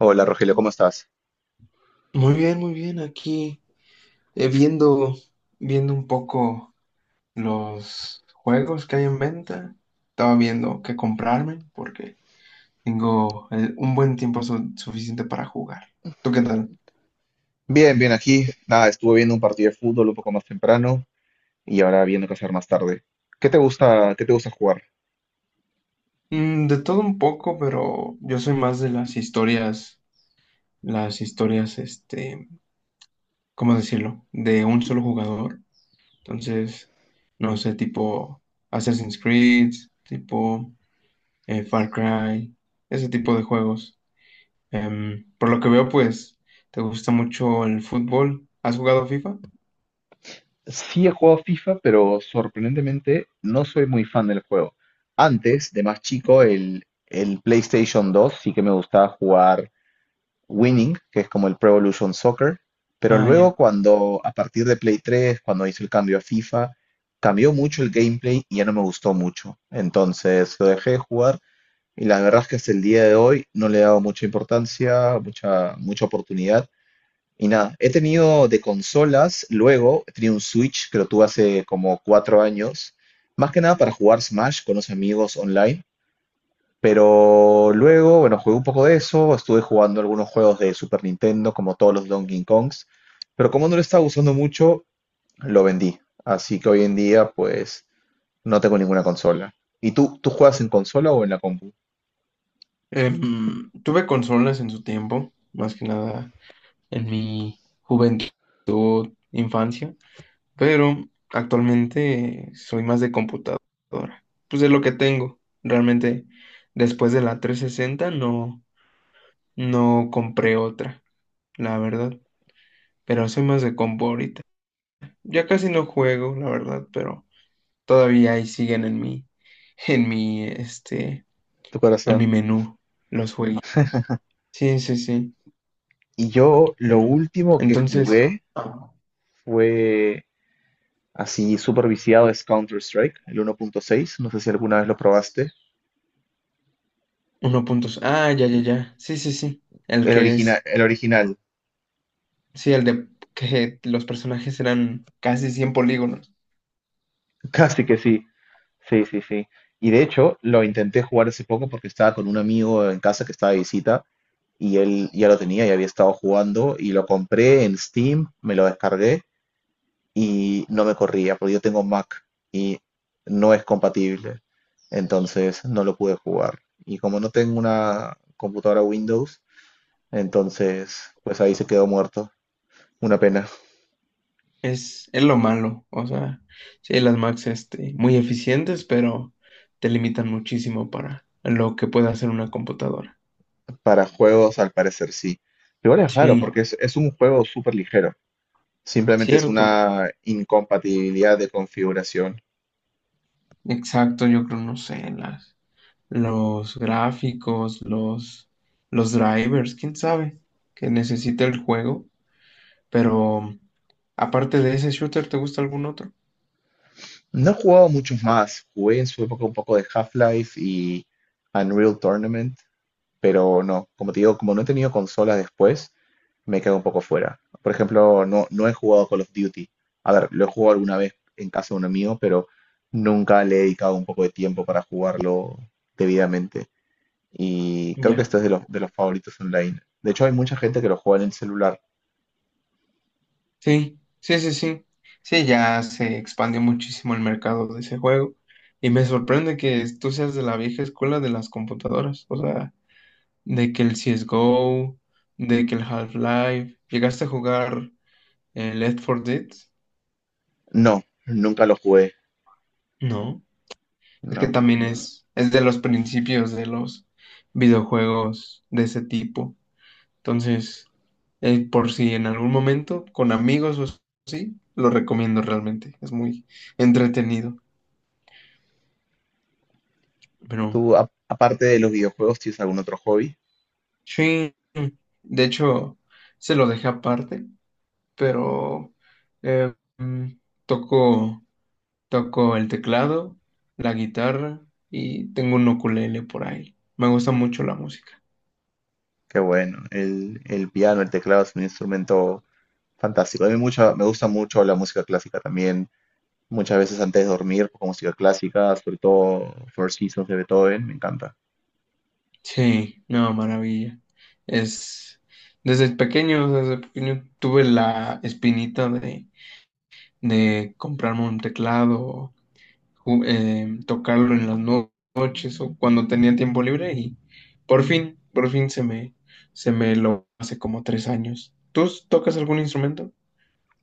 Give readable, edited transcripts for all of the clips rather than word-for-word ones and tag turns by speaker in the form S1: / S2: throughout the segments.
S1: Hola
S2: Mm.
S1: Rogelio, ¿cómo estás?
S2: Muy bien, muy bien. Aquí viendo, viendo un poco los juegos que hay en venta. Estaba viendo qué comprarme porque tengo un buen tiempo suficiente para jugar. ¿Tú qué tal?
S1: Bien, bien aquí. Nada, estuve viendo un partido de fútbol un poco más temprano y ahora viendo qué hacer más tarde. Qué te gusta jugar?
S2: De todo un poco, pero yo soy más de las historias, este, ¿cómo decirlo? De un solo jugador. Entonces, no sé, tipo Assassin's Creed, tipo Far Cry, ese tipo de juegos. Por lo que veo, pues, te gusta mucho el fútbol. ¿Has jugado FIFA?
S1: Sí he jugado FIFA, pero sorprendentemente no soy muy fan del juego. Antes, de más chico, el PlayStation 2 sí que me gustaba jugar Winning, que es como el Pro Evolution Soccer, pero
S2: Ah,
S1: luego
S2: ya.
S1: cuando, a partir de Play 3, cuando hizo el cambio a FIFA, cambió mucho el gameplay y ya no me gustó mucho. Entonces lo dejé de jugar. Y la verdad es que hasta el día de hoy no le he dado mucha importancia, mucha oportunidad. Y nada, he tenido de consolas, luego he tenido un Switch que lo tuve hace como 4 años, más que nada para jugar Smash con los amigos online. Pero luego, bueno, jugué un poco de eso, estuve jugando algunos juegos de Super Nintendo, como todos los Donkey Kongs, pero como no lo estaba usando mucho, lo vendí. Así que hoy en día, pues, no tengo ninguna consola. ¿Y tú juegas en consola o en la compu?
S2: Tuve consolas en su tiempo, más que nada en mi juventud, infancia, pero actualmente soy más de computadora. Pues es lo que tengo. Realmente, después de la 360 no, no compré otra, la verdad. Pero soy más de compu ahorita. Ya casi no juego, la verdad, pero todavía ahí siguen en mi, este,
S1: ¿Tu
S2: en mi
S1: corazón?
S2: menú los juegos. Sí, sí, sí.
S1: Y yo lo
S2: Pero
S1: último que
S2: entonces,
S1: jugué fue así súper viciado es Counter-Strike, el 1.6. No sé si alguna vez lo probaste.
S2: uno puntos. Ah, ya, ya, ya. Sí, sí, sí. El
S1: El
S2: que
S1: original,
S2: es,
S1: el original.
S2: sí, el de que los personajes eran casi 100 polígonos.
S1: Casi que sí. Sí, sí, sí. Y de hecho, lo intenté jugar hace poco porque estaba con un amigo en casa que estaba de visita y él ya lo tenía y había estado jugando y lo compré en Steam, me lo descargué y no me corría, porque yo tengo Mac y no es compatible, entonces no lo pude jugar. Y como no tengo una computadora Windows, entonces pues ahí se quedó muerto. Una pena.
S2: Es lo malo. O sea, sí, las Max, este, muy eficientes, pero te limitan muchísimo para lo que puede hacer una computadora.
S1: Para juegos, al parecer sí. Igual es raro,
S2: Sí,
S1: porque es un juego súper ligero. Simplemente es
S2: cierto.
S1: una incompatibilidad de configuración.
S2: Exacto, yo creo, no sé, las. Los gráficos, los drivers, quién sabe, que necesita el juego. Pero aparte de ese shooter, ¿te gusta algún otro?
S1: No he jugado muchos más. Jugué en su época un poco de Half-Life y Unreal Tournament, pero no, como te digo, como no he tenido consolas después, me quedo un poco fuera. Por ejemplo, no he jugado Call of Duty. A ver, lo he jugado alguna vez en casa de un amigo, pero nunca le he dedicado un poco de tiempo para jugarlo debidamente. Y creo que
S2: Ya.
S1: este es de los favoritos online. De hecho, hay mucha gente que lo juega en el celular.
S2: Sí, sí, sí, sí. Sí, ya se expandió muchísimo el mercado de ese juego. Y me sorprende que tú seas de la vieja escuela de las computadoras. O sea, de que el CSGO, de que el Half-Life. ¿Llegaste a jugar el Left 4 Dead?
S1: No, nunca lo jugué.
S2: No. Es que
S1: No.
S2: también es de los principios de los videojuegos de ese tipo. Entonces, por si en algún momento, con amigos o así, lo recomiendo realmente. Es muy entretenido. Pero
S1: Tú, aparte de los videojuegos, ¿tienes algún otro hobby?
S2: sí, de hecho, se lo dejé aparte, pero eh, mm, toco, toco el teclado, la guitarra y tengo un ukulele por ahí. Me gusta mucho la música.
S1: Qué bueno. El piano, el teclado es un instrumento fantástico. A mí mucha, me gusta mucho la música clásica también. Muchas veces antes de dormir, pues, con música clásica, sobre todo Four Seasons de Beethoven, me encanta.
S2: Sí, no, maravilla. Es desde pequeño tuve la espinita de comprarme un teclado, tocarlo en las noches o cuando tenía tiempo libre y por fin se me lo hace como 3 años. ¿Tú tocas algún instrumento?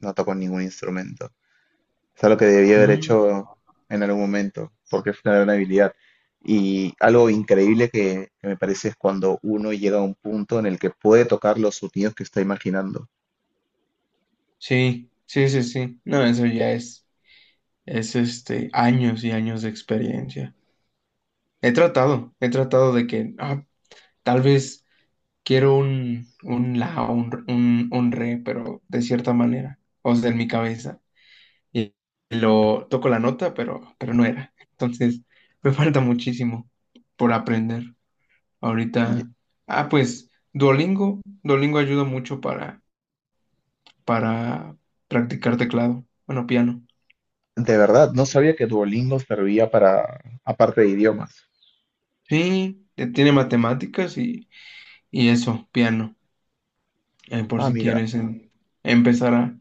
S1: No toco ningún instrumento. Es algo que debía haber
S2: Mm,
S1: hecho en algún momento, porque es una gran habilidad. Y algo increíble que me parece es cuando uno llega a un punto en el que puede tocar los sonidos que está imaginando.
S2: sí, sí, sí, sí. No, eso ya es este, años y años de experiencia. He tratado de que, ah, tal vez quiero un la, un re, pero de cierta manera, o sea, en mi cabeza. Y lo toco la nota, pero no era. Entonces, me falta muchísimo por aprender.
S1: Y-
S2: Ahorita, ah, pues, Duolingo, Duolingo ayuda mucho para, para practicar teclado, bueno, piano.
S1: De verdad, no sabía que Duolingo servía para, aparte de idiomas.
S2: Sí, tiene matemáticas y eso, piano, por
S1: Ah,
S2: si
S1: mira,
S2: quieres empezar a.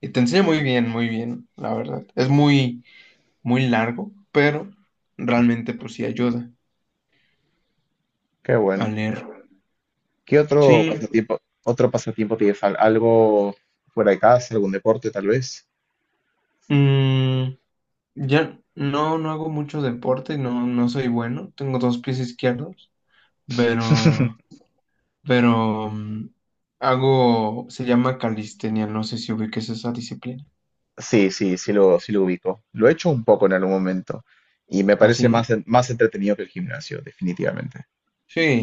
S2: Y te enseña muy bien, la verdad. Es muy muy largo, pero realmente pues sí ayuda
S1: qué
S2: a
S1: bueno.
S2: leer.
S1: ¿Qué
S2: Sí,
S1: otro pasatiempo tienes? ¿Algo fuera de casa, algún deporte tal vez?
S2: mm, ya no, no hago mucho deporte, no, no soy bueno, tengo dos pies izquierdos, pero, pero mm, se llama calistenia, no sé si ubiques esa disciplina.
S1: Sí, sí, sí lo ubico. Lo he hecho un poco en algún momento y me
S2: Ah,
S1: parece
S2: sí,
S1: más entretenido que el gimnasio, definitivamente.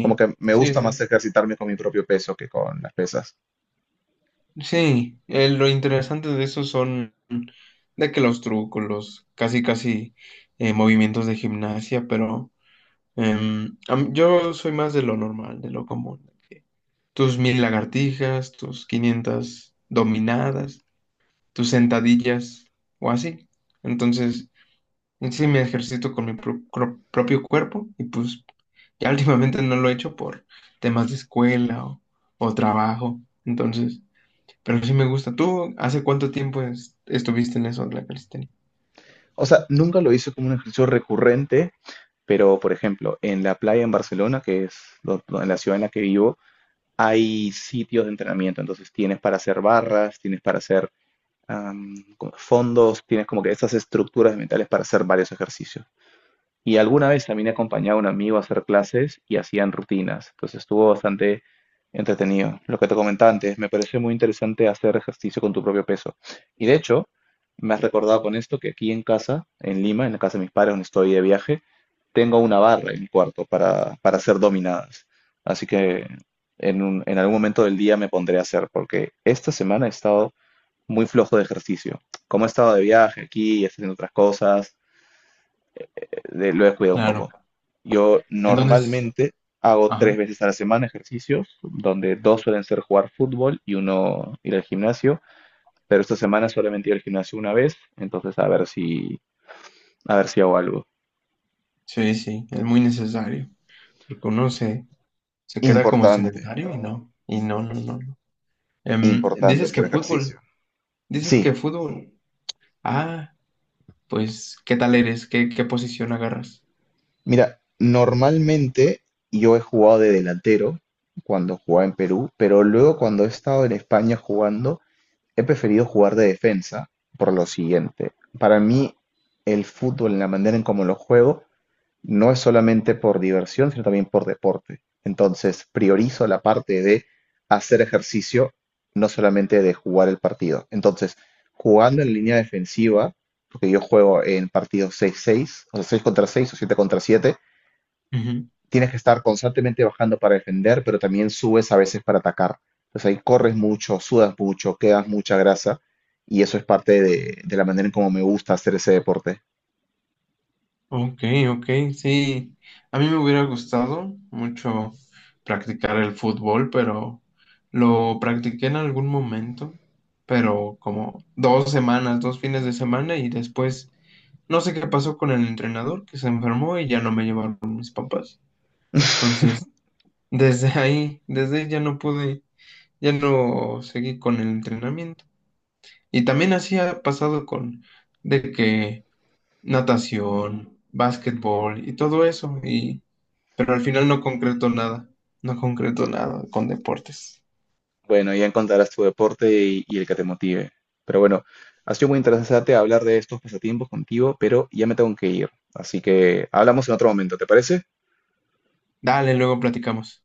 S1: Como que me
S2: sí,
S1: gusta
S2: sí.
S1: más ejercitarme con mi propio peso que con las pesas.
S2: Sí, lo interesante de eso son de que los trucos, los casi casi movimientos de gimnasia, pero a yo soy más de lo normal, de lo común. Que tus 1000 lagartijas, tus 500 dominadas, tus sentadillas o así. Entonces, en sí me ejercito con mi propio cuerpo y pues ya últimamente no lo he hecho por temas de escuela o trabajo. Entonces, pero sí me gusta. ¿Tú hace cuánto tiempo estuviste en eso de la calistenia?
S1: O sea, nunca lo hice como un ejercicio recurrente, pero por ejemplo, en la playa en Barcelona, que es en la ciudad en la que vivo, hay sitios de entrenamiento. Entonces tienes para hacer barras, tienes para hacer fondos, tienes como que esas estructuras mentales para hacer varios ejercicios. Y alguna vez también he acompañado a un amigo a hacer clases y hacían rutinas, entonces estuvo bastante entretenido. Lo que te comentaba antes, me parece muy interesante hacer ejercicio con tu propio peso. Y de hecho, me has recordado con esto que aquí en casa, en Lima, en la casa de mis padres donde estoy de viaje, tengo una barra en mi cuarto para hacer dominadas. Así que en algún momento del día me pondré a hacer, porque esta semana he estado muy flojo de ejercicio. Como he estado de viaje aquí y haciendo otras cosas, lo he cuidado un
S2: Claro.
S1: poco. Yo
S2: Entonces,
S1: normalmente hago tres
S2: ajá,
S1: veces a la semana ejercicios, donde dos suelen ser jugar fútbol y uno ir al gimnasio, pero esta semana solamente he ido al gimnasio una vez, entonces a ver si hago algo.
S2: sí, sí, es muy necesario. Reconoce. Se queda
S1: Importante,
S2: como sedentario y no. Y no, no, no. No.
S1: importante
S2: Dices que
S1: hacer ejercicio.
S2: fútbol. Dices que
S1: Sí,
S2: fútbol. Ah, pues, ¿qué tal eres? ¿Qué posición agarras?
S1: mira, normalmente yo he jugado de delantero cuando jugaba en Perú, pero luego cuando he estado en España jugando, he preferido jugar de defensa por lo siguiente. Para mí, el fútbol, la manera en cómo lo juego, no es solamente por diversión, sino también por deporte. Entonces, priorizo la parte de hacer ejercicio, no solamente de jugar el partido. Entonces, jugando en línea defensiva, porque yo juego en partidos 6-6, o sea, 6 contra 6 o 7 contra 7,
S2: Ujú.
S1: tienes que estar constantemente bajando para defender, pero también subes a veces para atacar. Entonces ahí corres mucho, sudas mucho, quedas mucha grasa y eso es parte de la manera en cómo me gusta hacer ese deporte.
S2: Ok, ok, sí. A mí me hubiera gustado mucho practicar el fútbol, pero lo practiqué en algún momento, pero como 2 semanas, 2 fines de semana y después no sé qué pasó con el entrenador que se enfermó y ya no me llevaron mis papás. Entonces, desde ahí, desde ahí ya no pude, ya no seguí con el entrenamiento. Y también así ha pasado con de que natación, básquetbol y todo eso, y pero al final no concreto nada, no concreto nada con deportes.
S1: Bueno, ya encontrarás tu deporte y el que te motive. Pero bueno, ha sido muy interesante hablar de estos pasatiempos contigo, pero ya me tengo que ir. Así que hablamos en otro momento, ¿te parece?
S2: Dale, luego platicamos.